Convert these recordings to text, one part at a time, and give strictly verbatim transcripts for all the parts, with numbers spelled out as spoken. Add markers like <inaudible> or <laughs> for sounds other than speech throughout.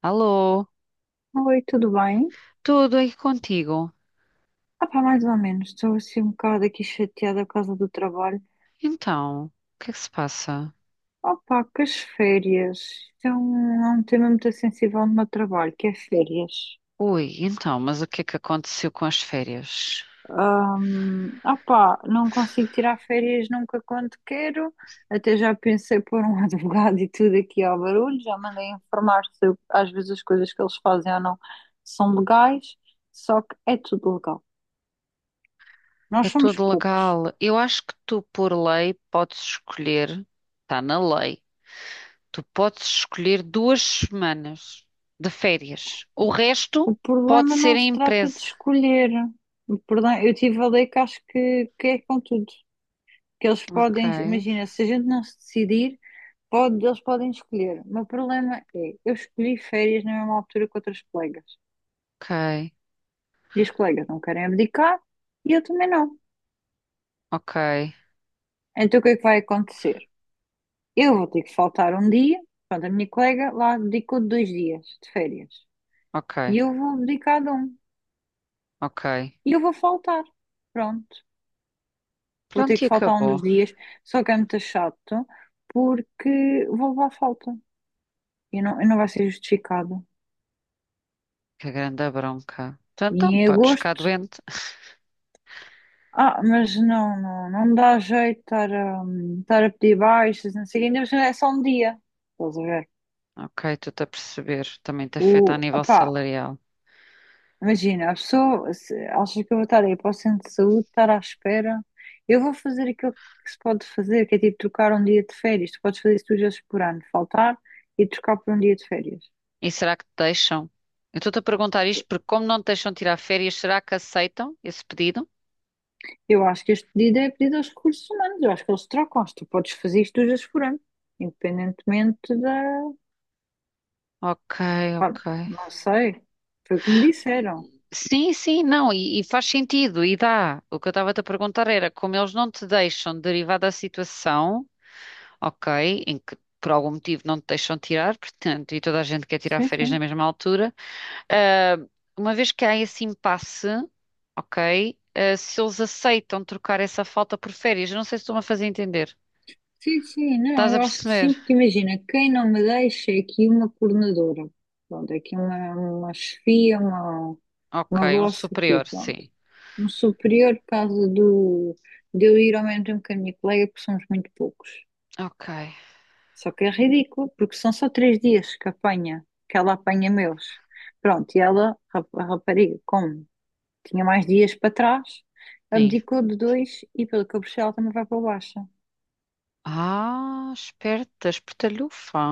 Alô, Oi, tudo bem? tudo aí contigo? Ah pá, mais ou menos. Estou assim um bocado aqui chateada por causa do trabalho. Então, o que é que se passa? Ah pá, que as férias. Isto é um, é um tema muito sensível no meu trabalho, que é férias. Ui, então, mas o que é que aconteceu com as férias? Ahm, Ah pá, não consigo tirar férias nunca quando quero. Até já pensei pôr um <laughs> advogado e tudo aqui ao barulho. Já mandei informar se eu- às vezes as coisas que eles fazem ou não são legais. Só que é tudo legal. É Nós somos tudo poucos. legal. Eu acho que tu, por lei, podes escolher, está na lei, tu podes escolher duas semanas de férias. O resto O pode problema ser não em se trata de empresa. escolher. O problema, eu tive a ler que acho que, que é com tudo. Que eles Ok, podem, imagina, se a gente não se decidir, pode, eles podem escolher. O meu problema é, eu escolhi férias na mesma altura que outras colegas. ok, E as colegas não querem abdicar e eu também não. ok, Então o que é que vai acontecer? Eu vou ter que faltar um dia, pronto, a minha colega lá abdicou de dois dias de férias. ok, E eu vou abdicar de um. ok. E eu vou faltar. Pronto. Vou ter Pronto, e que faltar um acabou. dos dias, só que é muito chato porque vou levar falta e não, e não vai ser justificado. Que grande bronca. Então, E então, em podes ficar agosto, doente. ah, mas não, não, não dá jeito estar a, estar a pedir baixas, não sei, o quê, ainda por cima é só um dia, estás a ver? Ok, estou-te a perceber. Também te O, afeta a nível opá, salarial. imagina, a pessoa se acha que eu vou estar aí para o centro de saúde, estar à espera, eu vou fazer aquilo que se pode fazer, que é tipo trocar um dia de férias, tu podes fazer isso duas vezes por ano, faltar e trocar por um dia de férias. E será que te deixam? Eu estou-te a perguntar isto porque, como não te deixam tirar férias, será que aceitam esse pedido? Eu acho que este pedido é pedido aos recursos humanos. Eu acho que eles trocam. Se tu podes fazer isto, tu já se forando. Independentemente da. Ok, Pá, ok. não sei. Foi o que me disseram. Sim, sim, não, e, e faz sentido, e dá. O que eu estava-te a perguntar era como eles não te deixam, derivado da situação, ok, em que por algum motivo não te deixam tirar, portanto, e toda a gente quer tirar Sim, férias na sim. mesma altura. Ah, uma vez que há esse impasse, ok, ah, se eles aceitam trocar essa falta por férias, eu não sei se estou-me a fazer entender. Sim, sim. Não, Estás a eu acho que sim, perceber? porque imagina, quem não me deixa é aqui uma coordenadora. Pronto, é aqui uma, uma chefia, uma, Ok, uma um boss aqui, superior, pronto. sim. Um superior, por causa do, de eu ir ao mesmo tempo que a minha colega, porque somos muito poucos. Ok, Só que é ridículo, porque são só três dias que apanha, que ela apanha meus. Pronto, e ela, rap- a rapariga, como tinha mais dias para trás, sim. abdicou de dois e pelo que eu percebi ela também vai para baixa. Ah, esperta, espertalhufa.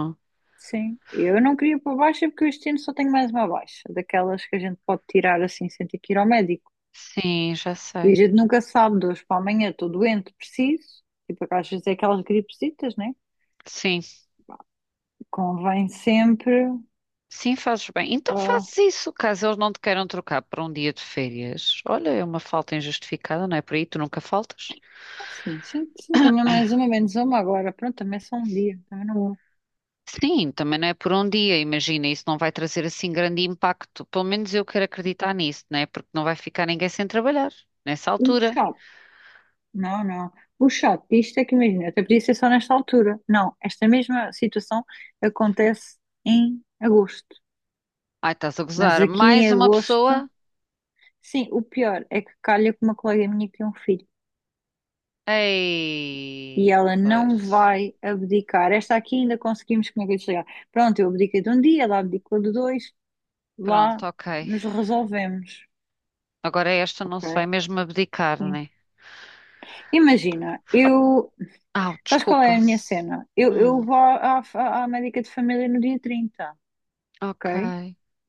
Sim, eu não queria para baixa porque eu este ano só tenho mais uma baixa, daquelas que a gente pode tirar assim sem ter que ir ao médico. Sim, já E a sei. gente nunca sabe, de hoje para amanhã estou doente, preciso. Tipo, às vezes é aquelas gripesitas, né? Sim, Convém sempre. sim, fazes bem. Então ah, fazes isso, caso eles não te queiram trocar para um dia de férias. Olha, é uma falta injustificada, não é por aí? Tu nunca faltas? Sim, sim, sim, também é mais uma, menos uma agora. Pronto, também é só um dia. Também não vou. Sim, também não é por um dia, imagina, isso não vai trazer assim grande impacto. Pelo menos eu quero acreditar nisso, né? Porque não vai ficar ninguém sem trabalhar nessa O altura. chato. Não, não. O chato disto é que imagina, até podia ser só nesta altura. Não, esta mesma situação acontece em agosto. Ai, estás a Mas gozar. aqui Mais em uma agosto, pessoa? sim, o pior é que calha com uma colega minha que tem um filho. E Ei, ela não pois. vai abdicar. Esta aqui ainda conseguimos, como é que eu ia chegar? Pronto, eu abdiquei de um dia, ela abdicou de dois, lá Pronto, ok. nos resolvemos. Agora esta não se vai Ok? mesmo abdicar, Sim. né? Imagina, eu Ah, sabes qual desculpa. é a minha cena? Eu, eu Hum, vou à, à- à médica de família no dia trinta, ok, ok?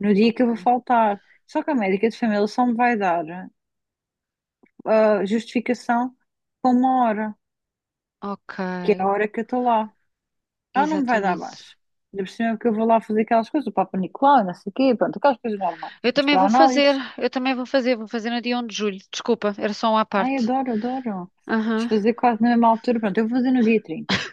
No dia que ok, eu vou faltar. Só que a médica de família só me vai dar a justificação com uma hora, que é ok. a hora que eu estou lá. Ela não me vai dar Exatamente. abaixo. Ainda por cima é que eu vou lá fazer aquelas coisas, o Papa Nicolau, não sei o quê, pronto, aquelas coisas normais. Eu também Mostrar vou fazer, análises. eu também vou fazer, vou fazer no dia um de julho. Desculpa, era só um à Ai, parte. adoro, adoro. Vamos Aham, fazer quase na mesma altura. Pronto, eu vou fazer no dia trinta.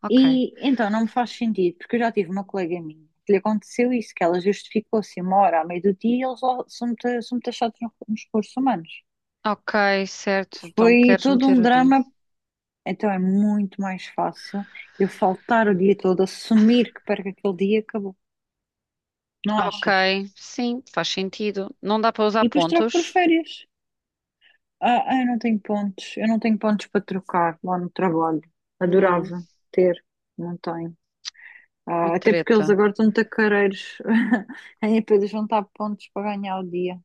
ok. E então não me faz sentido, porque eu já tive uma colega minha que lhe aconteceu isso, que ela justificou-se uma hora à meio do dia e eles lá são muito, são muito achados no- nos recursos humanos. Ok, certo. Então Foi queres todo meter um o dia. drama, então é muito mais fácil eu faltar o dia todo, assumir que perco aquele dia e acabou, não Ok, achas? sim, faz sentido. Não dá para usar E depois troco por pontos? férias. Ah, ah, eu não tenho pontos, eu não tenho pontos para trocar lá no trabalho. Não, Adorava ter, não tenho. uma Ah, até porque eles treta. agora estão tacareiros <laughs> em poder juntar pontos para ganhar o dia.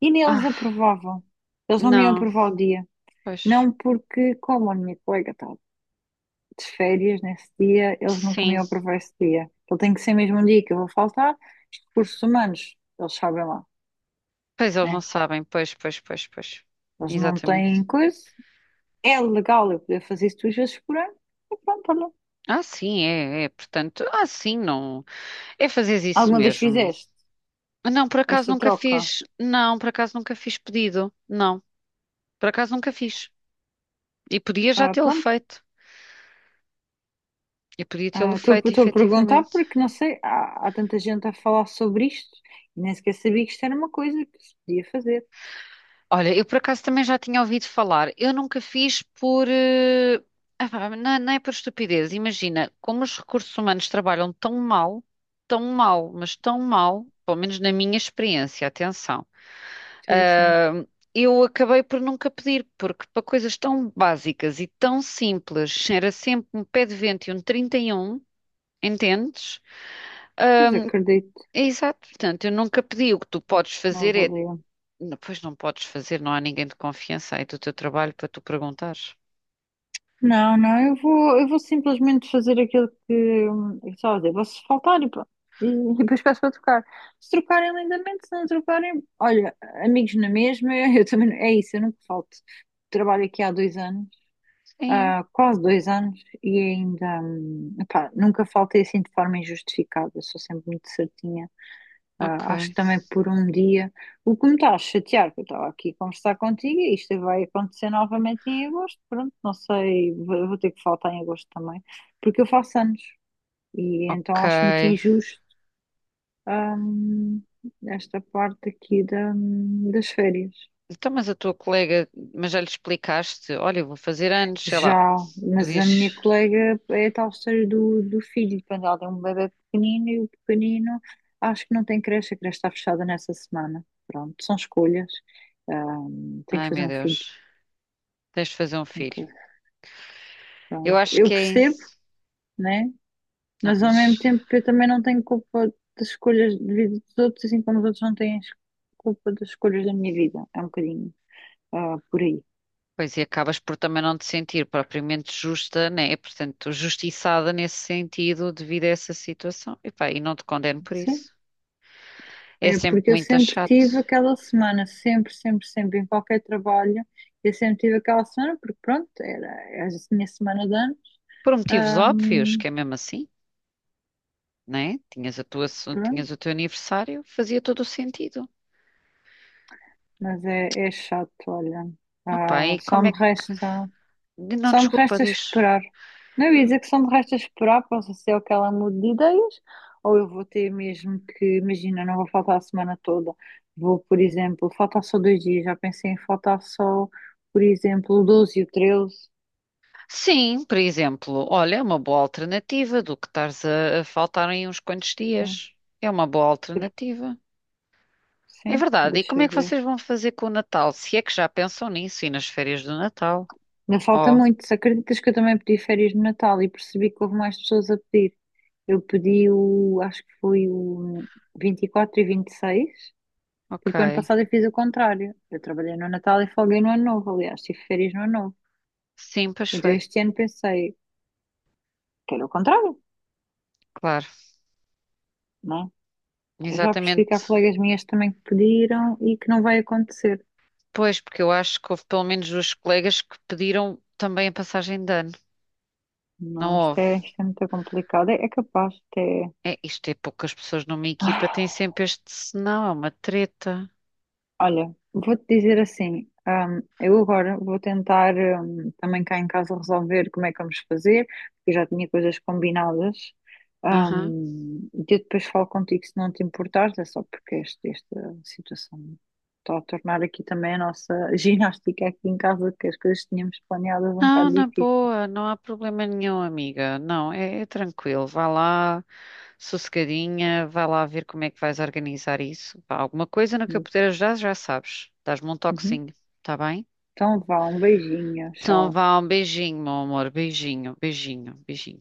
E nem eles Ah, aprovavam. Eles não me iam não, aprovar o dia. pois. Não porque, como a minha colega está de férias nesse dia, eles nunca me Sim, iam aprovar esse dia. Então tem que ser mesmo um dia que eu vou faltar. Os recursos humanos, eles sabem lá, pois eles não né? sabem. Pois, pois, pois, pois. Eles não Exatamente. têm coisa. É legal eu poder fazer isso duas vezes por ano. E pronto, olha. Ah, sim, é, é. Portanto, ah, sim, não. É fazer isso Alguma vez mesmo. fizeste Não, por acaso esta nunca troca? fiz. Não, por acaso nunca fiz pedido. Não, por acaso nunca fiz. E podia já Ah, tê-lo pronto, feito. E podia tê-lo ah, Estou feito, estou a perguntar efetivamente. porque não sei, há, há tanta gente a falar sobre isto e nem sequer sabia que isto era uma coisa que se podia fazer. Olha, eu por acaso também já tinha ouvido falar. Eu nunca fiz por. eh, ah pá, Não, não é por estupidez. Imagina, como os recursos humanos trabalham tão mal, tão mal, mas tão mal, pelo menos na minha experiência, atenção, Sim, sim. ah, eu acabei por nunca pedir, porque para coisas tão básicas e tão simples, era sempre um pé de vento e um trinta e um. Entendes? Pois acredito, É exato, portanto, eu nunca pedi. O que tu podes não fazer é valeu. Não, pois não podes fazer, não há ninguém de confiança aí do teu trabalho para tu perguntares. Não, não, eu vou, eu vou simplesmente fazer aquilo que hum, eu estava a dizer, vou-se faltar e pronto. E, e depois peço para trocar. Se trocarem lindamente, se não trocarem, olha, amigos na mesma, <laughs> eu também, não- é isso, eu nunca falto. Trabalho aqui há dois anos. Sim, Há quase dois anos e ainda, hum, epá, nunca faltei assim de forma injustificada, sou sempre muito certinha. ok, Ah, acho que também por um dia, o que me está a chatear, porque eu estava aqui a conversar contigo e isto vai acontecer novamente em agosto, pronto, não sei, vou, vou ter que faltar em agosto também, porque eu faço anos e então ok. acho muito injusto, hum, esta parte aqui da, hum, das férias. Então, mas a tua colega, mas já lhe explicaste, olha, eu vou fazer anos, sei lá, Já, mas a podias. minha colega é a tal história do, do filho, quando ela tem um bebê pequenino e o pequenino acho que não tem creche, a creche está fechada nessa semana. Pronto, são escolhas. Ahm, tem que Ai fazer meu um filho, Deus, tens de fazer um tem que filho. fazer. Eu Pronto. acho Eu que é percebo, isso. né? Não, Mas ao mesmo mas. tempo eu também não tenho culpa das escolhas de vida dos outros, assim como os outros não têm as- culpa das escolhas da minha vida. É um bocadinho, ah, por aí. Pois, e acabas por também não te sentir propriamente justa, né? Portanto, justiçada nesse sentido devido a essa situação. E pá, e não te condeno por Sim. isso. É É sempre porque eu muito sempre chato. tive aquela semana, sempre, sempre, sempre, em qualquer trabalho, eu sempre tive aquela semana, porque pronto, era, era a minha semana de anos. Por motivos óbvios, Ahm, que é mesmo assim. Né? Tinhas a tua, pronto, tinhas o teu aniversário, fazia todo o sentido. mas é, é chato, olha. Opá, Ah, e só como me é que. resta, Não, só me desculpa, resta diz. esperar. Não, eu ia dizer que só me resta esperar, posso ser o que ela mude de ideias, ou eu vou ter mesmo que, imagina, não vou faltar a semana toda. Vou, por exemplo, faltar só dois dias, já pensei em faltar só, por exemplo, o doze e o treze. Sim, por exemplo, olha, é uma boa alternativa do que estares a, a faltar em uns quantos dias. É uma boa alternativa. É Sim, verdade. E deixa como é eu que ver. vocês vão fazer com o Natal? Se é que já pensam nisso e nas férias do Natal? Ainda falta Oh, muito. Se acreditas que eu também pedi férias de Natal e percebi que houve mais pessoas a pedir. Eu pedi o, acho que foi o vinte e quatro e vinte e seis, ok. porque o ano passado eu fiz o contrário. Eu trabalhei no Natal e folguei no Ano Novo, aliás, tive férias no Ano Novo. Sim, pois Então foi. este ano pensei que era o contrário, Claro, não é? Eu já percebi que há exatamente. colegas minhas também que pediram e que não vai acontecer. Pois, porque eu acho que houve pelo menos duas colegas que pediram também a passagem de ano. Não Não, isto houve. é, isto é muito complicado. É, é capaz, isto É, isto é poucas pessoas numa é. equipa, <sighs> tem sempre este senão, é uma treta. Olha, vou-te dizer assim, hum, eu agora vou tentar, hum, também cá em casa resolver como é que vamos fazer, porque eu já tinha coisas combinadas. Aham. Hum, e eu depois falo contigo se não te importares, é só porque este- esta situação está a tornar aqui também a nossa <laughs> ginástica aqui em casa, que as coisas que tínhamos planeadas um Não, bocado na difícil. boa, não há problema nenhum, amiga. Não, é, é tranquilo. Vá lá, sossegadinha, vá lá ver como é que vais organizar isso. Pá, alguma coisa no que eu puder ajudar, já sabes. Dás-me um Uhum. toquezinho, tá bem? Então vá, um beijinho, Então tchau. vá, um beijinho, meu amor. Beijinho, beijinho, beijinho.